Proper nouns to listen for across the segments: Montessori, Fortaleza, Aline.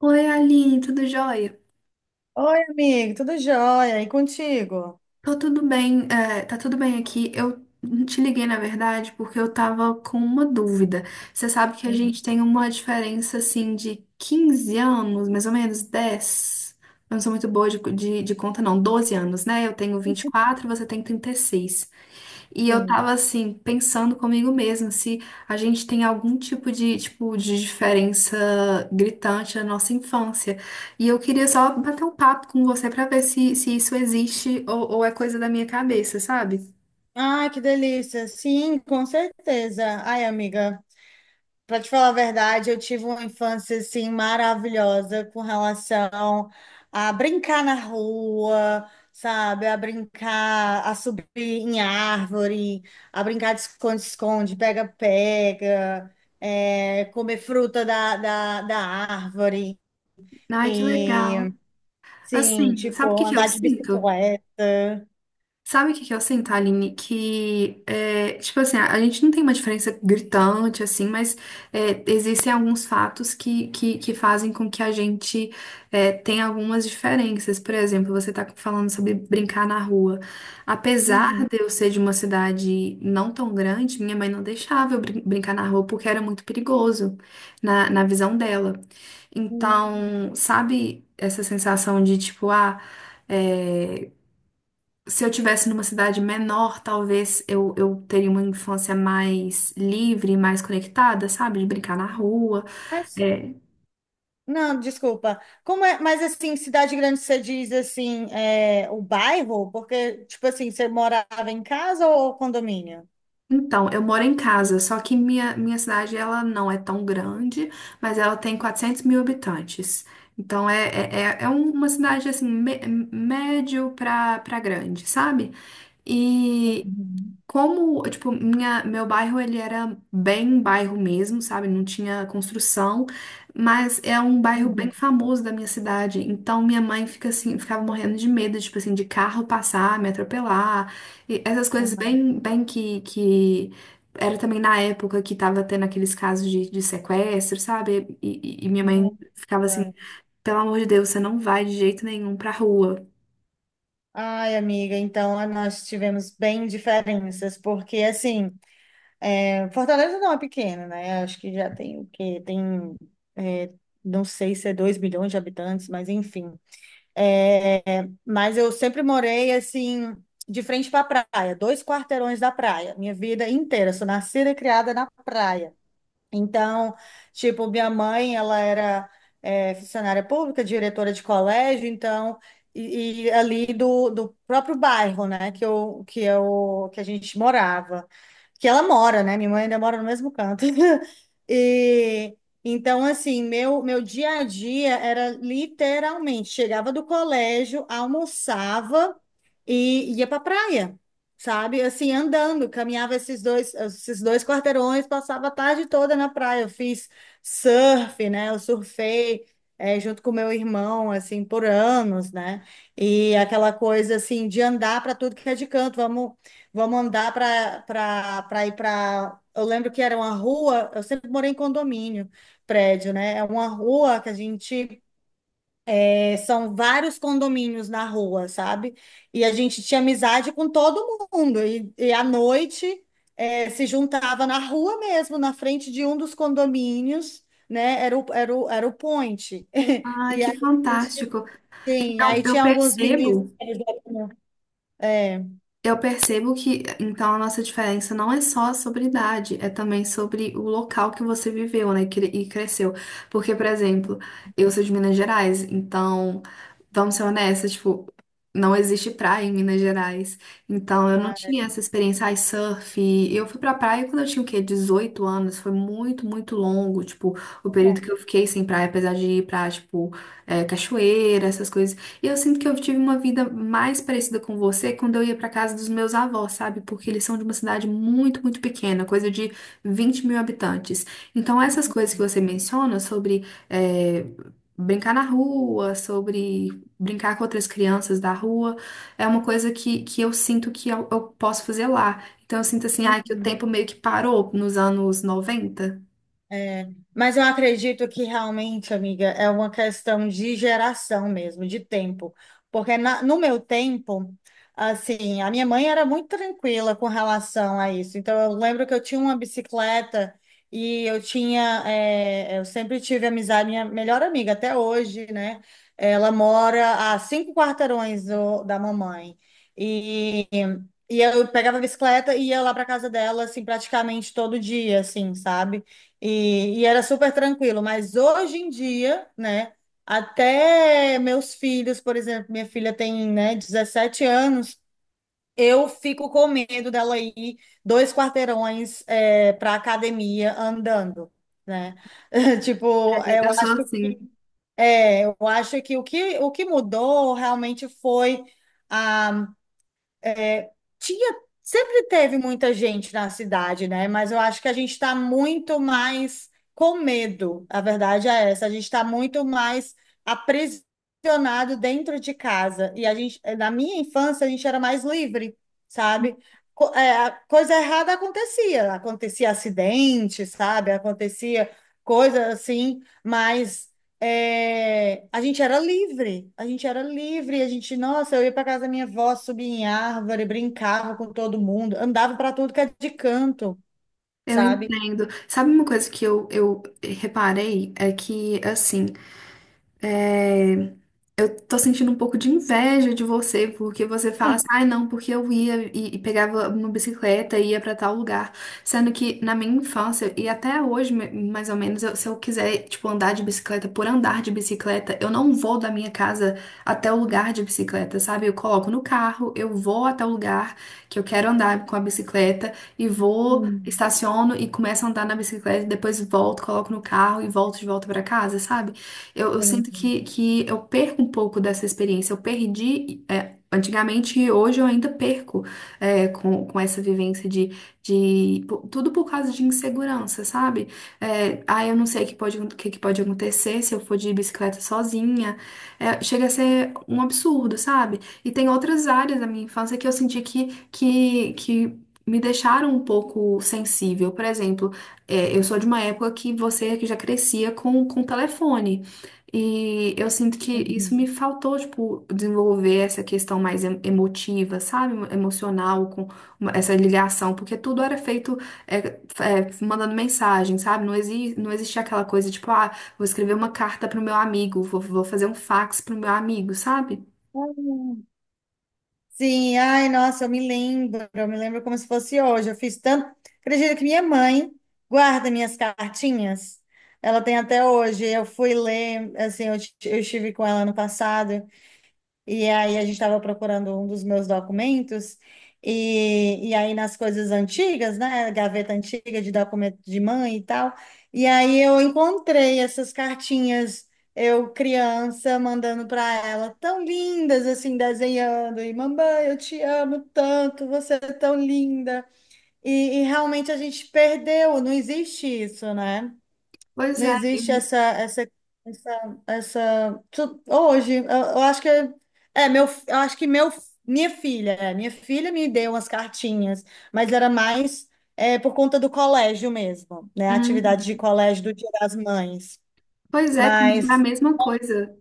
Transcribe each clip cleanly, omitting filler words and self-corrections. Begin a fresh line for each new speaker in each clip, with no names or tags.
Oi, Aline, tudo jóia?
Oi, amigo, tudo jóia? E contigo?
Tô tudo bem, tá tudo bem aqui. Eu te liguei, na verdade, porque eu tava com uma dúvida. Você sabe que a
Hum.
gente tem uma diferença, assim, de 15 anos, mais ou menos 10. Eu não sou muito boa de conta, não. 12 anos, né? Eu tenho 24, você tem 36. E eu
Sim.
tava assim, pensando comigo mesma, se a gente tem algum tipo, de diferença gritante na nossa infância. E eu queria só bater um papo com você pra ver se, se isso existe ou é coisa da minha cabeça, sabe?
Ah, que delícia. Sim, com certeza. Ai, amiga, para te falar a verdade, eu tive uma infância assim maravilhosa com relação a brincar na rua, sabe? A brincar, a subir em árvore, a brincar de esconde-esconde, pega-pega, comer fruta da árvore.
Ai, que
E
legal.
Sim,
Assim, sabe o que
tipo,
que eu
andar de
sinto?
bicicleta.
Sabe o que que eu sinto, Aline? Que, é, tipo assim, a gente não tem uma diferença gritante, assim, mas existem alguns fatos que fazem com que a gente tenha algumas diferenças. Por exemplo, você tá falando sobre brincar na rua. Apesar
Uhum.
de eu ser de uma cidade não tão grande, minha mãe não deixava eu brincar na rua porque era muito perigoso, na visão dela.
Hum.
Então, sabe essa sensação de, tipo, ah. é, Se eu tivesse numa cidade menor, talvez eu teria uma infância mais livre, mais conectada, sabe? De brincar na rua.
Mas,
É.
não, desculpa. Como é? Mas assim, cidade grande você diz assim, é, o bairro? Porque, tipo assim, você morava em casa ou condomínio?
Então, eu moro em casa, só que minha cidade, ela não é tão grande, mas ela tem 400 mil habitantes. Então, é um, uma cidade, assim, médio pra grande, sabe? E
Uhum.
como, tipo, meu bairro, ele era bem bairro mesmo, sabe? Não tinha construção, mas é um bairro bem
Uhum.
famoso da minha cidade. Então, minha mãe fica assim, ficava morrendo de medo, tipo assim, de carro passar, me atropelar. E essas coisas
Ah,
bem, bem que... Era também na época que tava tendo aqueles casos de sequestro, sabe? E minha mãe
nossa.
ficava assim, pelo amor de Deus, você não vai de jeito nenhum pra rua.
Ai, amiga, então, ah, nós tivemos bem diferenças, porque assim, é, Fortaleza não é pequena, né? Acho que já tem o quê? Tem, é, não sei se é 2 milhões de habitantes, mas enfim. É, mas eu sempre morei assim, de frente para a praia, dois quarteirões da praia, minha vida inteira. Sou nascida e criada na praia. Então, tipo, minha mãe, ela era, é, funcionária pública, diretora de colégio, então, e ali do, do próprio bairro, né, que a gente morava, que ela mora, né, minha mãe ainda mora no mesmo canto. E então, assim, meu dia a dia era literalmente: chegava do colégio, almoçava e ia para praia, sabe? Assim, andando, caminhava esses dois quarteirões, passava a tarde toda na praia. Eu fiz surf, né? Eu surfei, junto com meu irmão, assim, por anos, né? E aquela coisa, assim, de andar para tudo que é de canto, vamos, vamos andar para ir para. Eu lembro que era uma rua, eu sempre morei em condomínio, prédio, né? É uma rua que a gente, é, são vários condomínios na rua, sabe? E a gente tinha amizade com todo mundo. E à noite, é, se juntava na rua mesmo, na frente de um dos condomínios, né? Era o point.
Ai,
E
que
aí, a gente,
fantástico.
sim,
Então,
aí
eu
tinha alguns meninos.
percebo...
É,
Eu percebo que então a nossa diferença não é só sobre idade, é também sobre o local que você viveu, né, e cresceu. Porque, por exemplo, eu sou de Minas Gerais, então vamos ser honestas, tipo, não existe praia em Minas Gerais. Então eu não
ah,
tinha
é
essa experiência, ai, surf. Eu fui pra praia quando eu tinha o quê? 18 anos, foi muito, muito longo, tipo, o período que
bom.
eu fiquei sem praia, apesar de ir pra, tipo, cachoeira, essas coisas e eu sinto que eu tive uma vida mais parecida com você quando eu ia pra casa dos meus avós, sabe? Porque eles são de uma cidade muito, muito pequena, coisa de 20 mil habitantes. Então, essas coisas que você menciona sobre eh, brincar na rua, sobre brincar com outras crianças da rua, é uma coisa que eu sinto que eu posso fazer lá. Então, eu sinto assim, ah, que o
Uhum.
tempo meio que parou nos anos 90.
É, mas eu acredito que realmente, amiga, é uma questão de geração mesmo, de tempo. Porque no meu tempo, assim, a minha mãe era muito tranquila com relação a isso. Então, eu lembro que eu tinha uma bicicleta e eu tinha, é, eu sempre tive amizade, minha melhor amiga até hoje, né? Ela mora a cinco quarteirões da mamãe. E, e eu pegava a bicicleta e ia lá para casa dela, assim, praticamente todo dia, assim, sabe? E era super tranquilo, mas hoje em dia, né, até meus filhos, por exemplo, minha filha tem, né, 17 anos, eu fico com medo dela ir dois quarteirões, é, para academia andando, né? Tipo,
É,
eu
eu sou
acho,
assim.
é, eu acho que o que mudou realmente foi, é, tinha, sempre teve muita gente na cidade, né? Mas eu acho que a gente está muito mais com medo. A verdade é essa, a gente está muito mais aprisionado dentro de casa. E a gente, na minha infância, a gente era mais livre, sabe? A coisa errada acontecia, acontecia acidente, sabe? Acontecia coisa assim, mas, é, a gente era livre, a gente, nossa, eu ia para casa da minha avó, subia em árvore, brincava com todo mundo, andava para tudo que é de canto,
Eu
sabe?
entendo. Sabe uma coisa que eu reparei? É que, assim, é, eu tô sentindo um pouco de inveja de você, porque você fala assim, ai não, porque eu ia e pegava uma bicicleta e ia pra tal lugar. Sendo que na minha infância, e até hoje, mais ou menos, se eu quiser, tipo, andar de bicicleta por andar de bicicleta, eu não vou da minha casa até o lugar de bicicleta, sabe? Eu coloco no carro, eu vou até o lugar que eu quero andar com a bicicleta e vou,
Hum,
estaciono e começo a andar na bicicleta, depois volto, coloco no carro e volto de volta pra casa, sabe? Eu sinto
entendi.
que eu perco um pouco dessa experiência. Eu perdi, é, antigamente e hoje eu ainda perco, é, com essa vivência de, tudo por causa de insegurança, sabe? É, ah, eu não sei o que pode, o que que pode acontecer se eu for de bicicleta sozinha. É, chega a ser um absurdo, sabe? E tem outras áreas da minha infância que eu senti que me deixaram um pouco sensível. Por exemplo, eu sou de uma época que você que já crescia com telefone. E eu sinto que isso me
Uhum.
faltou, tipo, desenvolver essa questão mais emotiva, sabe? Emocional, com essa ligação, porque tudo era feito é, mandando mensagem, sabe? Não, exi não existia aquela coisa, tipo, ah, vou escrever uma carta pro meu amigo, vou fazer um fax pro meu amigo, sabe?
Sim, ai, nossa, eu me lembro como se fosse hoje. Eu fiz tanto. Acredito que minha mãe guarda minhas cartinhas. Ela tem até hoje. Eu fui ler, assim, eu estive com ela ano passado. E aí a gente estava procurando um dos meus documentos, e aí nas coisas antigas, né? Gaveta antiga de documento de mãe e tal. E aí eu encontrei essas cartinhas, eu criança, mandando para ela, tão lindas, assim, desenhando, e: mamãe, eu te amo tanto, você é tão linda. E realmente a gente perdeu, não existe isso, né?
Pois
Não
é,
existe
e-
essa. Hoje, eu acho que é meu, eu acho que meu, minha filha, é, minha filha me deu umas cartinhas, mas era mais, é, por conta do colégio mesmo, né? A
Uhum.
atividade de colégio do Dia das Mães.
Pois é, comigo é a
Mas,
mesma coisa.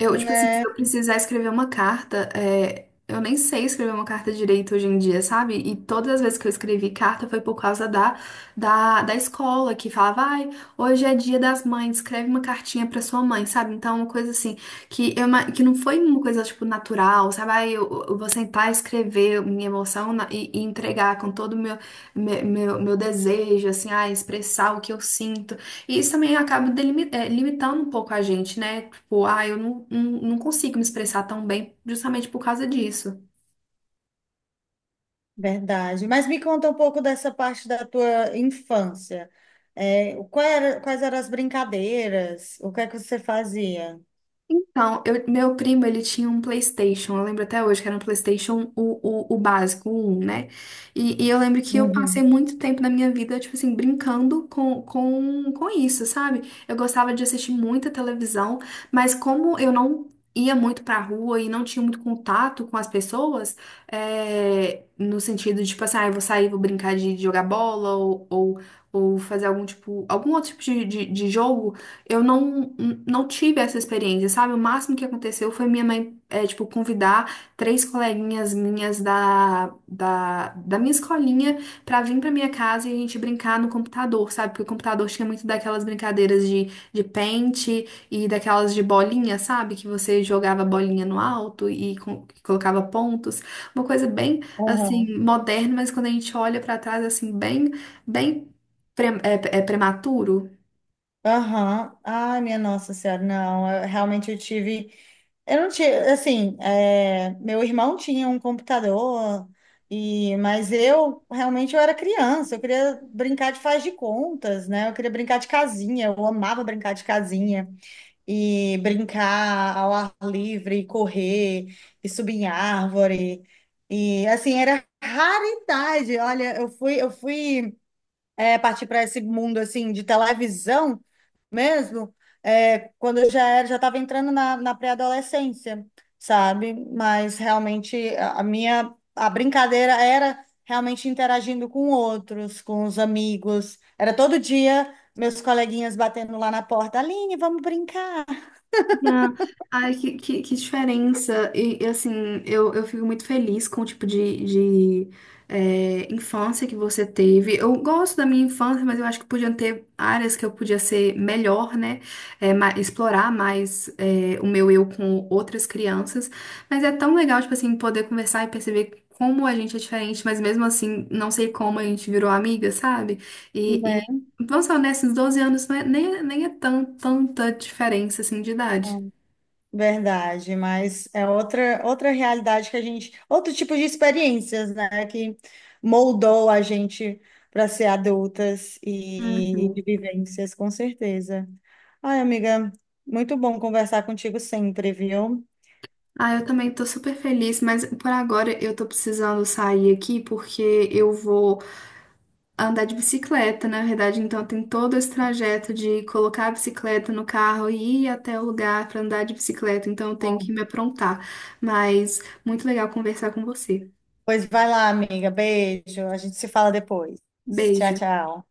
Eu, tipo assim, se
né,
eu precisar escrever uma carta, é, eu nem sei escrever uma carta direito hoje em dia, sabe? E todas as vezes que eu escrevi carta foi por causa da escola, que falava, ai, hoje é dia das mães, escreve uma cartinha pra sua mãe, sabe? Então, é uma coisa assim, que, que não foi uma coisa, tipo, natural, sabe? Ai, eu vou sentar e escrever minha emoção e entregar com todo o meu desejo, assim, ai, expressar o que eu sinto. E isso também acaba limitando um pouco a gente, né? Tipo, ah, eu não consigo me expressar tão bem justamente por causa disso.
verdade. Mas me conta um pouco dessa parte da tua infância. É, quais eram as brincadeiras? O que é que você fazia?
Então, meu primo, ele tinha um PlayStation, eu lembro até hoje que era um PlayStation o básico, o 1, né? E eu lembro que eu passei
Uhum.
muito tempo na minha vida, tipo assim, brincando com isso, sabe? Eu gostava de assistir muita televisão, mas como eu não ia muito pra rua e não tinha muito contato com as pessoas, é, no sentido de, tipo assim, ah, eu vou sair, vou brincar de jogar bola ou fazer algum tipo, algum outro tipo de jogo, eu não, não tive essa experiência, sabe? O máximo que aconteceu foi minha mãe, é, tipo, convidar três coleguinhas minhas da minha escolinha pra vir pra minha casa e a gente brincar no computador, sabe? Porque o computador tinha muito daquelas brincadeiras de pente e daquelas de bolinha, sabe? Que você jogava bolinha no alto e colocava pontos. Uma coisa bem, assim, moderna, mas quando a gente olha pra trás, assim, bem, bem é prematuro.
Aham. Ai, minha Nossa Senhora, não, realmente eu tive. Eu não tinha, assim, é, meu irmão tinha um computador, e mas eu realmente, eu era criança, eu queria brincar de faz de contas, né? Eu queria brincar de casinha, eu amava brincar de casinha e brincar ao ar livre, e correr e subir em árvore. E assim, era raridade. Olha, eu fui, é, partir para esse mundo assim de televisão mesmo, é, quando eu já era, já estava entrando na, na pré-adolescência, sabe? Mas realmente a minha, a brincadeira era realmente interagindo com outros, com os amigos. Era todo dia meus coleguinhas batendo lá na porta: Aline, vamos brincar.
Ah, ai, que diferença. Assim, eu fico muito feliz com o tipo de infância que você teve. Eu gosto da minha infância, mas eu acho que podiam ter áreas que eu podia ser melhor, né? É, explorar mais é, o meu eu com outras crianças. Mas é tão legal, tipo assim, poder conversar e perceber como a gente é diferente, mas mesmo assim, não sei como a gente virou amiga, sabe?
Não é?
Vamos ser honestos, 12 anos não é- nem é tão, tanta diferença assim de idade.
Verdade, mas é outra realidade que a gente, outro tipo de experiências, né, que moldou a gente para ser adultas e
Uhum.
de vivências, com certeza. Ai, amiga, muito bom conversar contigo sempre, viu?
Ah, eu também tô super feliz, mas por agora eu tô precisando sair aqui porque eu vou andar de bicicleta, na verdade, então tem todo esse trajeto de colocar a bicicleta no carro e ir até o lugar pra andar de bicicleta, então eu tenho que me aprontar. Mas muito legal conversar com você.
Pois vai lá, amiga, beijo, a gente se fala depois. Tchau,
Beijo.
tchau.